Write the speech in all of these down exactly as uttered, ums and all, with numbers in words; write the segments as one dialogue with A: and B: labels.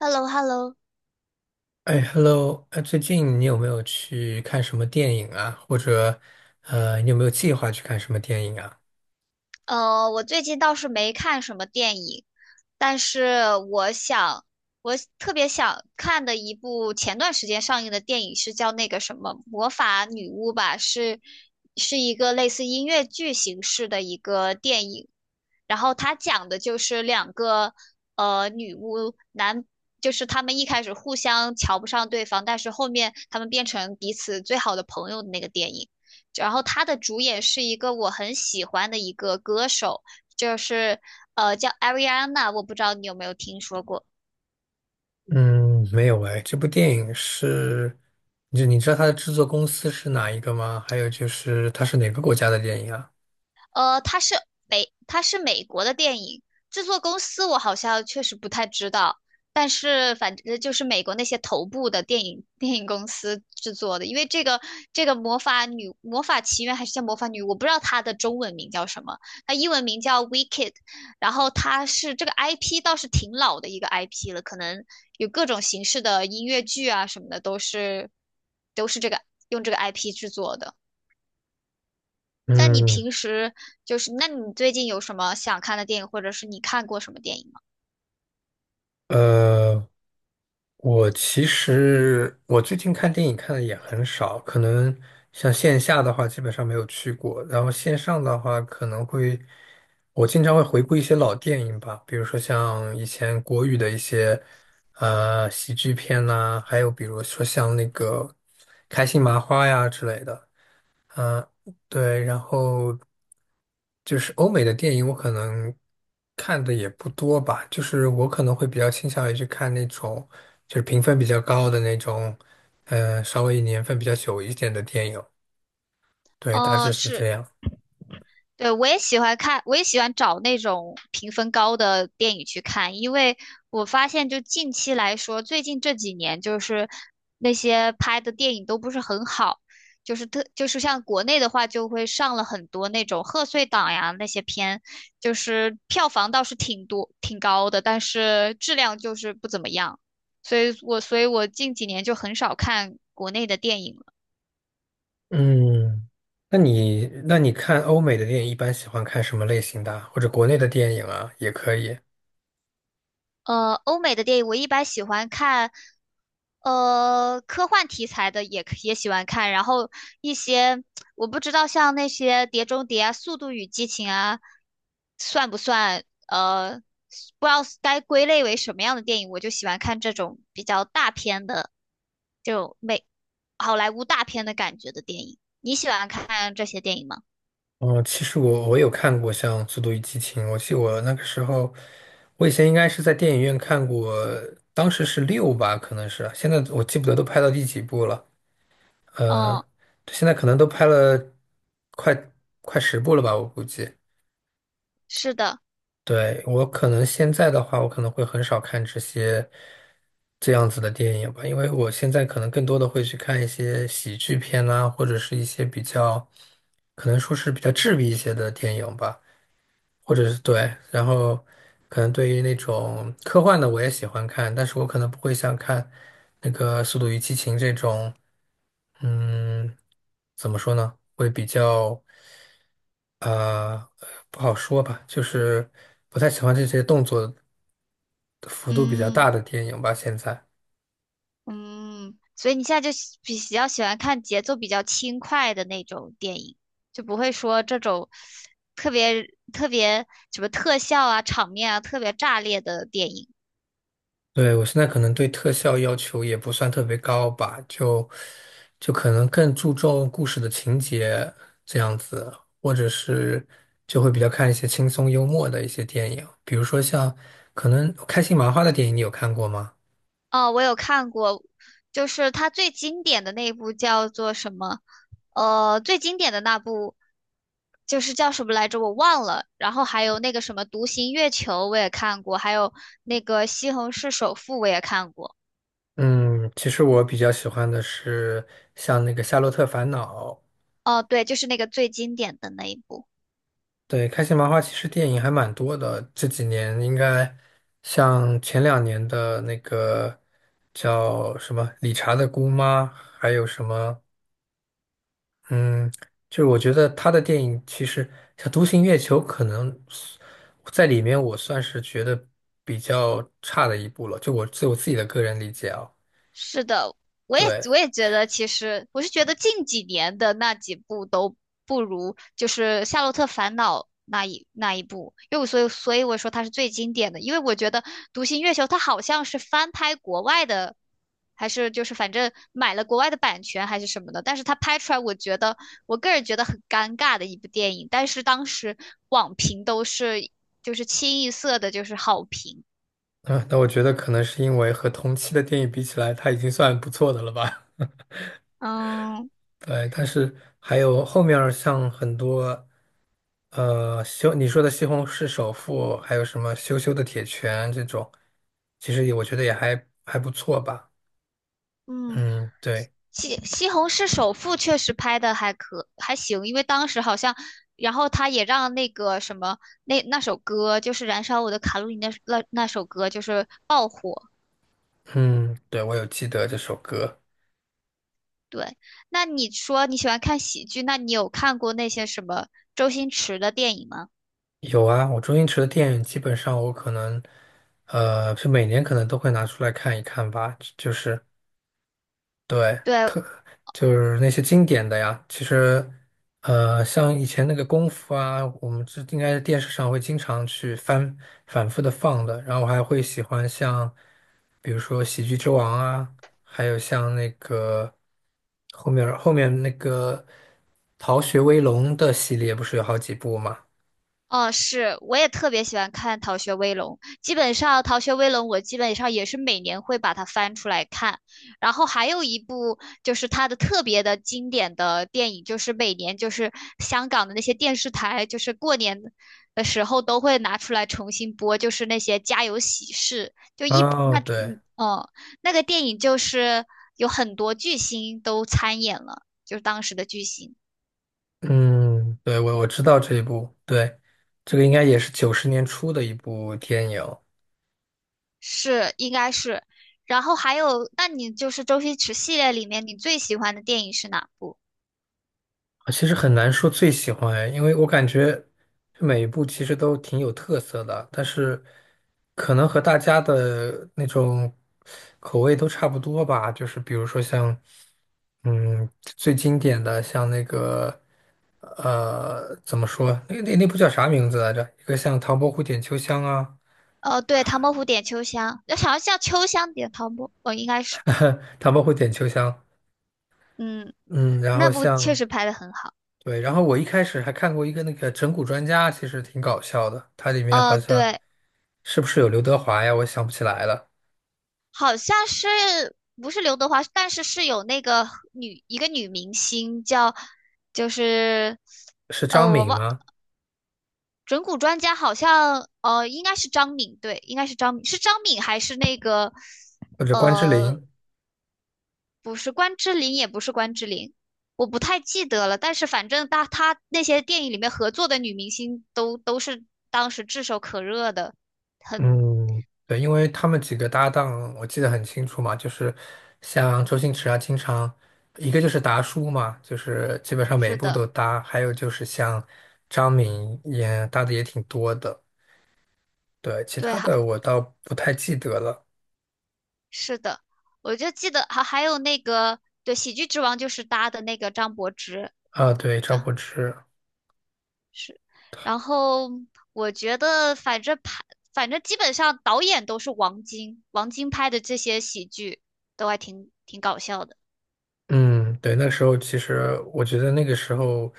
A: h e l l o h e l l o
B: 哎，Hello，哎，最近你有没有去看什么电影啊？或者，呃，你有没有计划去看什么电影啊？
A: 呃，我最近倒是没看什么电影，但是我想，我特别想看的一部前段时间上映的电影是叫那个什么《魔法女巫》吧，是是一个类似音乐剧形式的一个电影。然后他讲的就是两个呃女巫男，就是他们一开始互相瞧不上对方，但是后面他们变成彼此最好的朋友的那个电影。然后他的主演是一个我很喜欢的一个歌手，就是呃叫 Ariana,我不知道你有没有听说过。
B: 嗯，没有哎。这部电影是，就你知道它的制作公司是哪一个吗？还有就是它是哪个国家的电影啊？
A: 呃，它是美，它是美国的电影制作公司，我好像确实不太知道，但是反正就是美国那些头部的电影电影公司制作的。因为这个这个魔法女魔法奇缘还是叫魔法女，我不知道它的中文名叫什么，它英文名叫 Wicked。然后它是这个 I P 倒是挺老的一个 I P 了，可能有各种形式的音乐剧啊什么的都是都是这个用这个 I P 制作的。那你
B: 嗯。
A: 平时就是，那你最近有什么想看的电影，或者是你看过什么电影吗？
B: 呃，我其实我最近看电影看的也很少，可能像线下的话基本上没有去过，然后线上的话可能会，我经常会回顾一些老电影吧，比如说像以前国语的一些呃喜剧片呐、还有比如说像那个开心麻花呀之类的。啊，对，然后就是欧美的电影，我可能看的也不多吧，就是我可能会比较倾向于去看那种就是评分比较高的那种，呃，稍微年份比较久一点的电影，对，大
A: 哦，
B: 致是这
A: 是
B: 样。
A: 对，我也喜欢看，我也喜欢找那种评分高的电影去看。因为我发现就近期来说，最近这几年就是那些拍的电影都不是很好，就是特就是像国内的话，就会上了很多那种贺岁档呀那些片，就是票房倒是挺多挺高的，但是质量就是不怎么样，所以我所以我近几年就很少看国内的电影了。
B: 嗯，那你那你看欧美的电影一般喜欢看什么类型的啊或者国内的电影啊，也可以。
A: 呃，欧美的电影我一般喜欢看，呃，科幻题材的也可也喜欢看。然后一些我不知道像那些《碟中谍》啊、《速度与激情》啊，算不算呃，不知道该归类为什么样的电影，我就喜欢看这种比较大片的，就美好莱坞大片的感觉的电影。你喜欢看这些电影吗？
B: 哦，其实我我有看过像《速度与激情》，我记得我那个时候，我以前应该是在电影院看过，当时是六吧，可能是，现在我记不得都拍到第几部了，呃，
A: 哦，
B: 现在可能都拍了快快十部了吧，我估计。
A: 是的，
B: 对，我可能现在的话，我可能会很少看这些这样子的电影吧，因为我现在可能更多的会去看一些喜剧片啊，或者是一些比较，可能说是比较治愈一些的电影吧。或者是对，然后可能对于那种科幻的我也喜欢看，但是我可能不会像看那个《速度与激情》这种，嗯，怎么说呢？会比较呃不好说吧，就是不太喜欢这些动作幅度比较
A: 嗯。
B: 大的电影吧，现在。
A: 嗯，所以你现在就喜比比较喜欢看节奏比较轻快的那种电影，就不会说这种特别特别什么特效啊、场面啊特别炸裂的电影。
B: 对，我现在可能对特效要求也不算特别高吧，就就可能更注重故事的情节这样子，或者是就会比较看一些轻松幽默的一些电影，比如说像可能开心麻花的电影，你有看过吗？
A: 哦，我有看过，就是它最经典的那一部叫做什么？呃，最经典的那部就是叫什么来着？我忘了。然后还有那个什么《独行月球》，我也看过，还有那个《西虹市首富》，我也看过。
B: 嗯，其实我比较喜欢的是像那个《夏洛特烦恼》，
A: 哦，对，就是那个最经典的那一部。
B: 对，开心麻花其实电影还蛮多的，这几年应该像前两年的那个叫什么《理查的姑妈》，还有什么，嗯，就是我觉得他的电影其实像《独行月球》，可能在里面我算是觉得比较差的一部了，就我就我自己的个人理解啊。
A: 是的，我也
B: 对，
A: 我也觉得，其实我是觉得近几年的那几部都不如就是《夏洛特烦恼》那一那一部。因为我所以所以我说它是最经典的，因为我觉得《独行月球》它好像是翻拍国外的，还是就是反正买了国外的版权还是什么的。但是它拍出来，我觉得我个人觉得很尴尬的一部电影，但是当时网评都是就是清一色的就是好评，
B: 嗯，那我觉得可能是因为和同期的电影比起来，它已经算不错的了吧。
A: 嗯。
B: 对，但是还有后面儿像很多，呃，西你说的《西红柿首富》，还有什么《羞羞的铁拳》这种，其实也我觉得也还还不错吧。
A: 嗯，
B: 嗯，对，
A: 西西红柿首富确实拍的还可还行，因为当时好像，然后他也让那个什么那那首歌就是《燃烧我的卡路里》那那那首歌就是爆火。
B: 嗯，对，我有记得这首歌。
A: 对，那你说你喜欢看喜剧，那你有看过那些什么周星驰的电影吗？
B: 有啊，我周星驰的电影基本上我可能，呃，是每年可能都会拿出来看一看吧，就是对。
A: 对，
B: 就是那些经典的呀。其实，呃，像以前那个功夫啊，我们这应该是电视上会经常去翻反复的放的。然后我还会喜欢像，比如说《喜剧之王》啊，还有像那个后面后面那个《逃学威龙》的系列，不是有好几部嘛？
A: 哦，是，我也特别喜欢看《逃学威龙》。基本上，《逃学威龙》我基本上也是每年会把它翻出来看。然后还有一部就是它的特别的经典的电影，就是每年就是香港的那些电视台，就是过年的时候都会拿出来重新播，就是那些家有喜事，就一
B: 哦，
A: 那
B: 对，
A: 嗯哦，那个电影就是有很多巨星都参演了，就是当时的巨星。
B: 嗯，对，我我知道这一部，对，这个应该也是九十年初的一部电影。
A: 是，应该是。然后还有，那你就是周星驰系列里面你最喜欢的电影是哪部？
B: 啊，其实很难说最喜欢哎因为我感觉每一部其实都挺有特色的，但是可能和大家的那种口味都差不多吧。就是比如说像，嗯，最经典的像那个，呃，怎么说？那那那部叫啥名字来着？一个像《唐伯虎点秋香》啊，
A: 哦，对，《唐伯虎点秋香》，要想要叫秋香点唐伯，哦，应该是，
B: 《唐伯虎点秋香》。
A: 嗯，
B: 嗯，然
A: 那
B: 后
A: 部确
B: 像
A: 实拍的很好。
B: 对，然后我一开始还看过一个那个整蛊专家，其实挺搞笑的，它里面
A: 哦，
B: 好像。
A: 对，
B: 是不是有刘德华呀？我想不起来了，
A: 好像是不是刘德华，但是是有那个女一个女明星叫，就是，
B: 是
A: 呃，
B: 张
A: 我
B: 敏
A: 忘
B: 吗？
A: 整蛊专家好像，呃，应该是张敏，对，应该是张敏，是张敏还是那个，
B: 或者关之
A: 呃。
B: 琳？
A: 不是关之琳，也不是关之琳，我不太记得了。但是反正他他那些电影里面合作的女明星都都是当时炙手可热的，很
B: 嗯，对，因为他们几个搭档，我记得很清楚嘛，就是像周星驰啊，经常一个就是达叔嘛，就是基本上每一
A: 是
B: 部都
A: 的，
B: 搭，还有就是像张敏也搭的也挺多的，对，其
A: 对
B: 他
A: 哈，
B: 的我倒不太记得了。
A: 是的，我就记得还还有那个对《喜剧之王》就是搭的那个张柏芝，
B: 啊，对，张
A: 张
B: 柏芝，
A: 是，然后我觉得反正拍反正基本上导演都是王晶，王晶拍的这些喜剧都还挺挺搞笑的。
B: 嗯，对，那时候其实我觉得那个时候，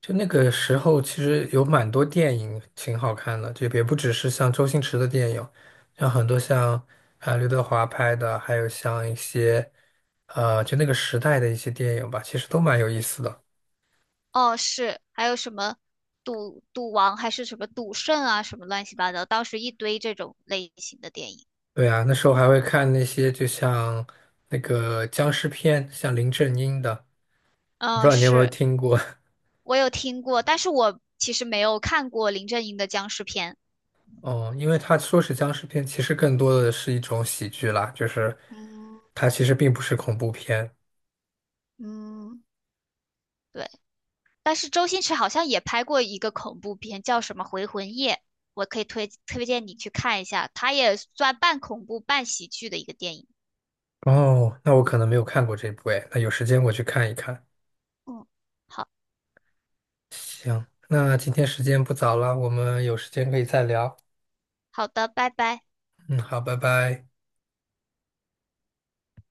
B: 就那个时候其实有蛮多电影挺好看的，就也不只是像周星驰的电影，像很多像啊刘德华拍的，还有像一些呃就那个时代的一些电影吧，其实都蛮有意思的。
A: 哦，是，还有什么赌赌王还是什么赌圣啊，什么乱七八糟，当时一堆这种类型的电影。
B: 对啊，那时候还会看那些就像那个僵尸片，像林正英的，我不知
A: 嗯，
B: 道你有没有
A: 是，
B: 听过。
A: 我有听过，但是我其实没有看过林正英的僵尸片。
B: 哦，因为他说是僵尸片，其实更多的是一种喜剧啦，就是。
A: 嗯
B: 它其实并不是恐怖片。
A: 嗯，对，但是周星驰好像也拍过一个恐怖片，叫什么《回魂夜》，我可以推推荐你去看一下，它也算半恐怖半喜剧的一个电影。
B: 哦，那我可能没有看过这部诶，那有时间我去看一看。
A: 嗯，好，
B: 行，那今天时间不早了，我们有时间可以再聊。
A: 好的，拜拜。
B: 嗯，好，拜拜。